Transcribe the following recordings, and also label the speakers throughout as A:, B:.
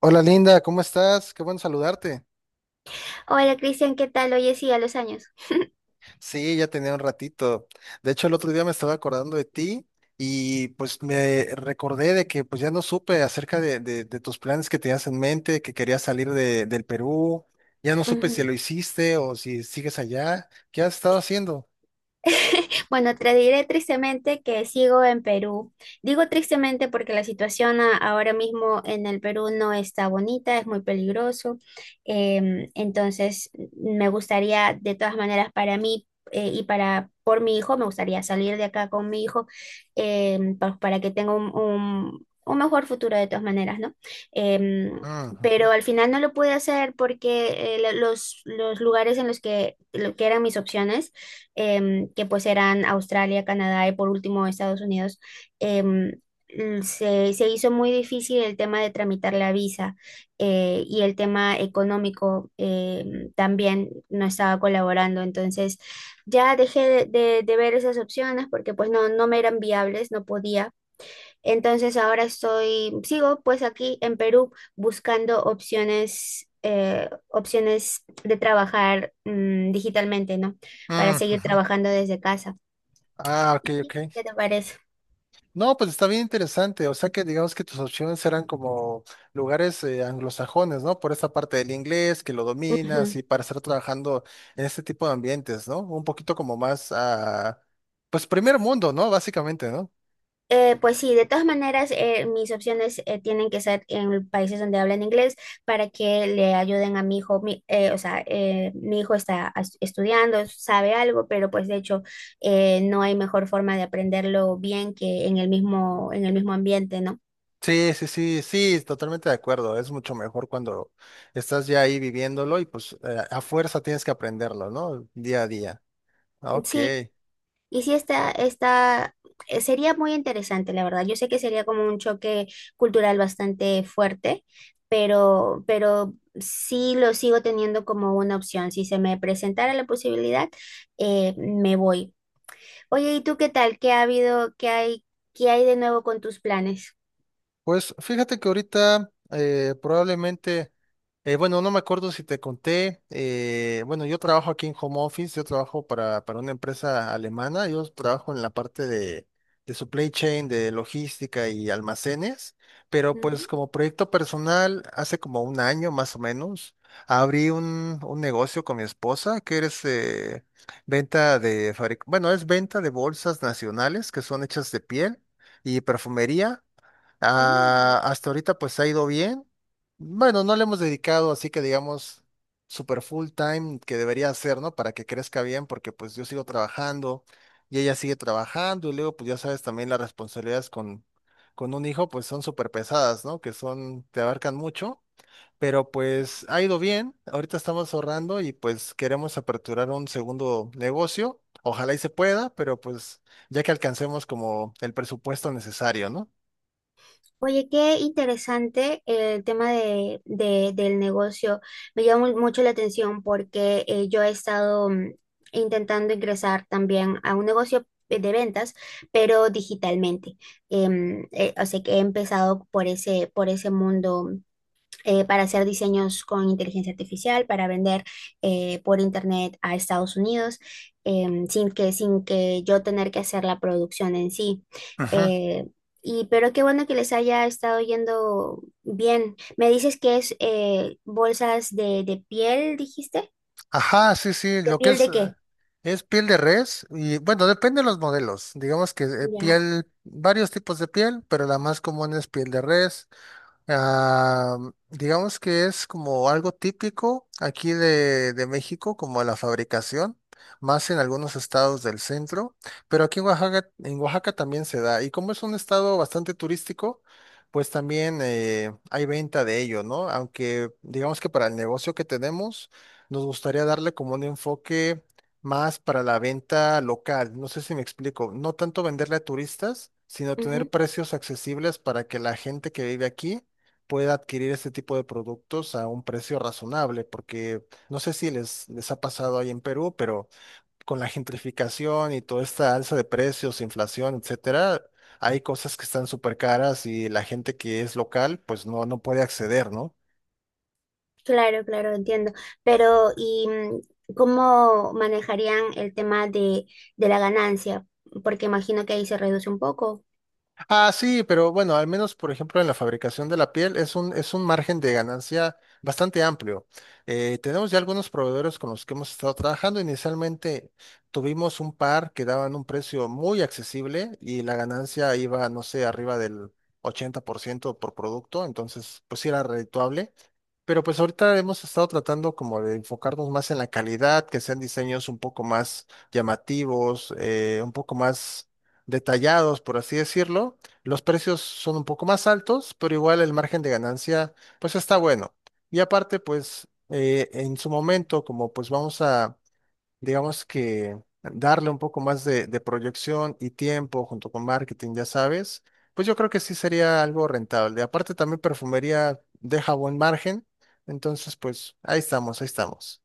A: Hola Linda, ¿cómo estás? Qué bueno saludarte.
B: Hola Cristian, ¿qué tal? Oye, sí, a los años.
A: Sí, ya tenía un ratito. De hecho, el otro día me estaba acordando de ti y pues me recordé de que pues ya no supe acerca de tus planes que tenías en mente, que querías salir del Perú. Ya no supe si
B: Ujú.
A: lo hiciste o si sigues allá. ¿Qué has estado haciendo?
B: Bueno, te diré tristemente que sigo en Perú. Digo tristemente porque la situación ahora mismo en el Perú no está bonita, es muy peligroso. Entonces, me gustaría, de todas maneras, para mí y para por mi hijo, me gustaría salir de acá con mi hijo para que tenga un, un mejor futuro de todas maneras, ¿no? Em,
A: Mm, ujú,
B: pero al final no lo pude hacer porque los lugares lo que eran mis opciones que pues eran Australia, Canadá y por último Estados Unidos, em, se hizo muy difícil el tema de tramitar la visa y el tema económico también no estaba colaborando. Entonces ya dejé de, de ver esas opciones porque pues no me eran viables, no podía. Entonces ahora sigo pues aquí en Perú buscando opciones de trabajar digitalmente, ¿no? Para
A: mm,
B: seguir
A: ujú.
B: trabajando desde casa.
A: Ah, ok,
B: ¿Y sí,
A: ok.
B: qué te parece?
A: No, pues está bien interesante. O sea que digamos que tus opciones eran como lugares anglosajones, ¿no? Por esa parte del inglés, que lo dominas
B: Ujú.
A: y para estar trabajando en este tipo de ambientes, ¿no? Un poquito como más a, pues primer mundo, ¿no? Básicamente, ¿no?
B: Pues sí, de todas maneras, mis opciones tienen que ser en países donde hablan inglés para que le ayuden a mi hijo. O sea, mi hijo está estudiando, sabe algo, pero pues de hecho no hay mejor forma de aprenderlo bien que en el mismo ambiente, ¿no?
A: Sí, sí, sí, sí, totalmente de acuerdo. Es mucho mejor cuando estás ya ahí viviéndolo y pues a fuerza tienes que aprenderlo, ¿no? Día a día. Ok.
B: Sí. Y sí, sería muy interesante, la verdad. Yo sé que sería como un choque cultural bastante fuerte, pero sí lo sigo teniendo como una opción. Si se me presentara la posibilidad, me voy. Oye, ¿y tú qué tal? ¿Qué ha habido? ¿Qué hay? ¿Qué hay de nuevo con tus planes?
A: Pues fíjate que ahorita probablemente, bueno, no me acuerdo si te conté, bueno, yo trabajo aquí en home office, yo trabajo para una empresa alemana, yo trabajo en la parte de supply chain, de logística y almacenes, pero pues
B: Ujú.
A: como proyecto personal, hace como un año más o menos, abrí un negocio con mi esposa que es venta de fabric, bueno, es venta de bolsas nacionales que son hechas de piel y perfumería. Ah,
B: Mm.
A: hasta ahorita pues ha ido bien. Bueno, no le hemos dedicado así que digamos super full time que debería hacer, ¿no? Para que crezca bien, porque pues yo sigo trabajando y ella sigue trabajando y luego pues ya sabes también las responsabilidades con un hijo pues son súper pesadas, ¿no? Que son, te abarcan mucho, pero pues ha ido bien. Ahorita estamos ahorrando y pues queremos aperturar un segundo negocio. Ojalá y se pueda, pero pues ya que alcancemos como el presupuesto necesario, ¿no?
B: Oye, qué interesante el tema de, del negocio. Me llama mucho la atención porque yo he estado intentando ingresar también a un negocio de ventas, pero digitalmente. O sea que he empezado por ese mundo para hacer diseños con inteligencia artificial, para vender por internet a Estados Unidos, sin que yo tener que hacer la producción en sí.
A: Ujú.
B: Eh, y pero qué bueno que les haya estado yendo bien. Me dices que es bolsas de piel, dijiste.
A: Ajá, sí, sí,
B: ¿De
A: lo que
B: piel de qué?
A: es piel de res y bueno, depende de los modelos. Digamos que
B: Ya.
A: piel, varios tipos de piel, pero la más común es piel de res. Ah, digamos que es como algo típico aquí de México, como la fabricación, más en algunos estados del centro, pero aquí en Oaxaca también se da. Y como es un estado bastante turístico, pues también hay venta de ello, ¿no? Aunque digamos que para el negocio que tenemos, nos gustaría darle como un enfoque más para la venta local. No sé si me explico, no tanto venderle a turistas, sino tener
B: Ujú.
A: precios accesibles para que la gente que vive aquí pueda adquirir este tipo de productos a un precio razonable, porque no sé si les, les ha pasado ahí en Perú, pero con la gentrificación y toda esta alza de precios, inflación, etcétera, hay cosas que están súper caras y la gente que es local, pues no, no puede acceder, ¿no?
B: Claro, claro, entiendo. Pero, ¿y cómo manejarían el tema de la ganancia? Porque imagino que ahí se reduce un poco.
A: Ah, sí, pero bueno, al menos por ejemplo en la fabricación de la piel es es un margen de ganancia bastante amplio. Tenemos ya algunos proveedores con los que hemos estado trabajando. Inicialmente tuvimos un par que daban un precio muy accesible y la ganancia iba, no sé, arriba del 80% por ciento por producto, entonces pues sí era redituable. Pero pues ahorita hemos estado tratando como de enfocarnos más en la calidad, que sean diseños un poco más llamativos, un poco más detallados, por así decirlo. Los precios son un poco más altos, pero igual el margen de ganancia pues está bueno. Y aparte pues en su momento como pues vamos a digamos que darle un poco más de proyección y tiempo junto con marketing, ya sabes, pues yo creo que sí sería algo rentable. Aparte también perfumería deja buen margen, entonces pues ahí estamos, ahí estamos.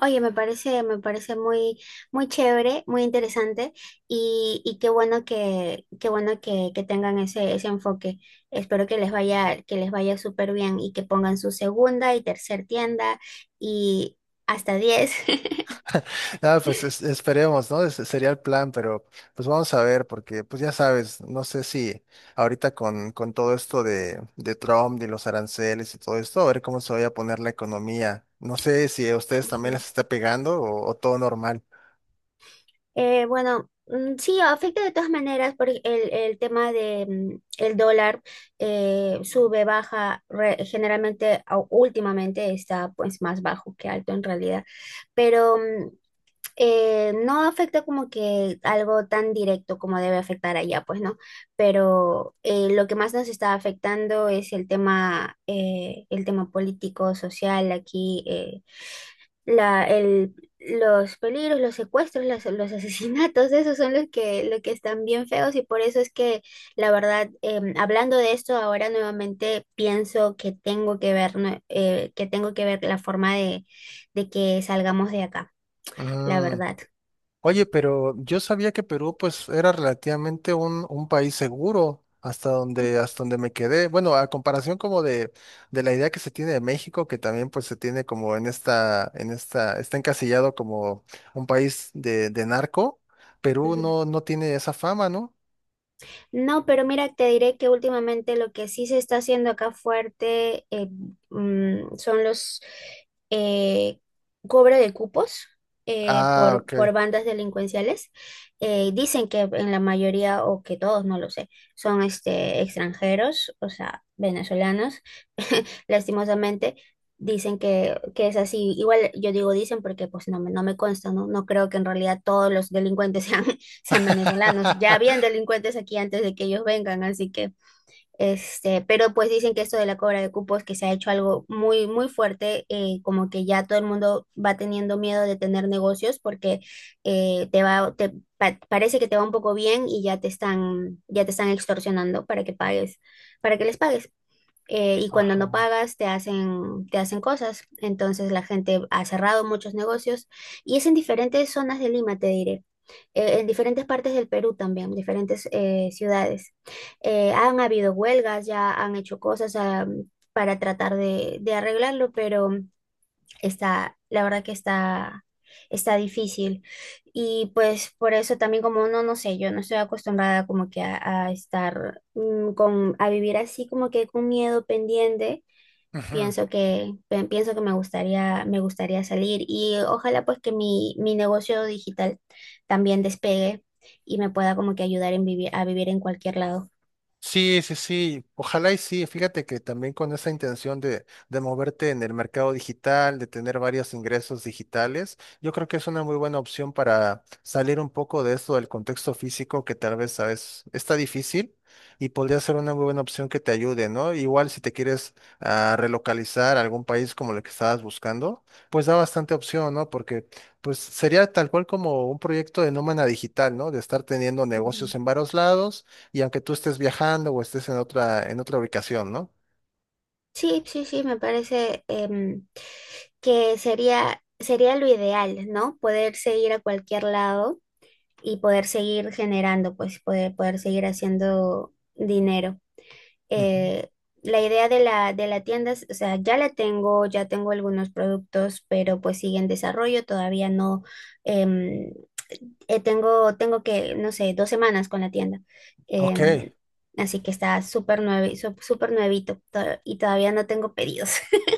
B: Oye, me parece muy, muy chévere, muy interesante y qué bueno que tengan ese enfoque. Espero que les vaya súper bien y que pongan su segunda y tercer tienda y hasta 10.
A: Ah, pues es- esperemos, ¿no? Ese sería el plan, pero pues vamos a ver, porque pues ya sabes, no sé si ahorita con todo esto de Trump, de los aranceles y todo esto, a ver cómo se vaya a poner la economía. No sé si a ustedes también
B: Ujú.
A: les está pegando o todo normal.
B: Bueno, sí, afecta de todas maneras por el tema de el dólar sube, baja, generalmente últimamente está pues más bajo que alto en realidad, pero no afecta como que algo tan directo como debe afectar allá, pues no, pero lo que más nos está afectando es el tema político, social aquí. La, el, los peligros, los secuestros, los asesinatos, esos son lo que están bien feos y por eso es que la verdad, hablando de esto, ahora nuevamente pienso que tengo que ver la forma de que salgamos de acá, la
A: Mm.
B: verdad.
A: Oye, pero yo sabía que Perú pues era relativamente un país seguro hasta donde me quedé. Bueno, a comparación como de la idea que se tiene de México, que también pues se tiene como en esta, está encasillado como un país de narco, Perú no, no tiene esa fama, ¿no?
B: No, pero mira, te diré que últimamente lo que sí se está haciendo acá fuerte son los eh, cobro de cupos eh,
A: Ah,
B: por,
A: ok.
B: por bandas delincuenciales. Dicen que en la mayoría, o que todos, no lo sé, son extranjeros, o sea, venezolanos, lastimosamente. Dicen que es así. Igual yo digo dicen porque pues no me consta, ¿no? No creo que en realidad todos los delincuentes sean venezolanos. Ya habían delincuentes aquí antes de que ellos vengan, así que, pero pues dicen que esto de la cobra de cupos, que se ha hecho algo muy, muy fuerte, como que ya todo el mundo va teniendo miedo de tener negocios porque te va, te pa- parece que te va un poco bien y ya te están extorsionando para que pagues, para que les pagues. Y cuando
A: Ajá.
B: no pagas te hacen cosas. Entonces la gente ha cerrado muchos negocios y es en diferentes zonas de Lima, te diré en diferentes partes del Perú también, diferentes ciudades. Han habido huelgas, ya han hecho cosas para tratar de arreglarlo, pero la verdad que está difícil. Y pues por eso también como uno, no sé, yo no estoy acostumbrada como que a estar a vivir así como que con miedo pendiente.
A: Ujú.
B: Pienso que me gustaría salir y ojalá pues que mi negocio digital también despegue y me pueda como que ayudar a vivir en cualquier lado.
A: Sí, sí, sí. Ojalá y sí. Fíjate que también con esa intención de moverte en el mercado digital, de tener varios ingresos digitales, yo creo que es una muy buena opción para salir un poco de eso del contexto físico que tal vez a veces está difícil y podría ser una muy buena opción que te ayude, ¿no? Igual si te quieres relocalizar a algún país como el que estabas buscando, pues da bastante opción, ¿no? Porque pues sería tal cual como un proyecto de nómada digital, ¿no? De estar teniendo
B: Ujú.
A: negocios en varios lados y aunque tú estés viajando o estés en otra ubicación, ¿no?
B: Sí, sí, sí, me parece que sería lo ideal, ¿no? Poderse ir a cualquier lado y poder seguir generando, pues poder seguir haciendo dinero.
A: Ujú.
B: eh, la idea de la tienda, o sea, ya la tengo, ya tengo algunos productos, pero pues sigue en desarrollo, todavía no, em, tengo que, no sé, 2 semanas con la tienda.
A: Ok.
B: Em, así que está súper nuevito y todavía no tengo pedidos.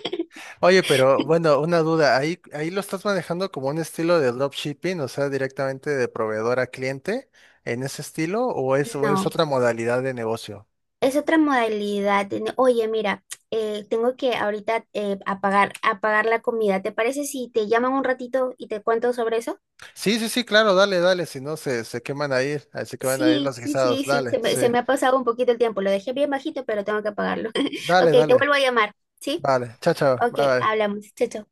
A: Oye, pero bueno, una duda, ahí, ahí lo estás manejando como un estilo de dropshipping, o sea, directamente de proveedor a cliente, en ese estilo, o es
B: No,
A: otra modalidad de negocio.
B: es otra modalidad. De no- Oye, mira, tengo que ahorita apagar la comida. ¿Te parece si te llaman un ratito y te cuento sobre eso?
A: Sí, sí, sí, claro, dale, dale, si no se, se queman ahí, ahí se queman ahí
B: Sí,
A: los
B: sí,
A: guisados,
B: sí, sí,
A: dale,
B: se me,
A: sí,
B: se me ha pasado un poquito el tiempo. Lo dejé bien bajito, pero tengo que apagarlo. Ok,
A: dale,
B: te
A: dale,
B: vuelvo a llamar, ¿sí?
A: vale, chao, chao,
B: Ok,
A: bye, bye.
B: hablamos. Chao, chao.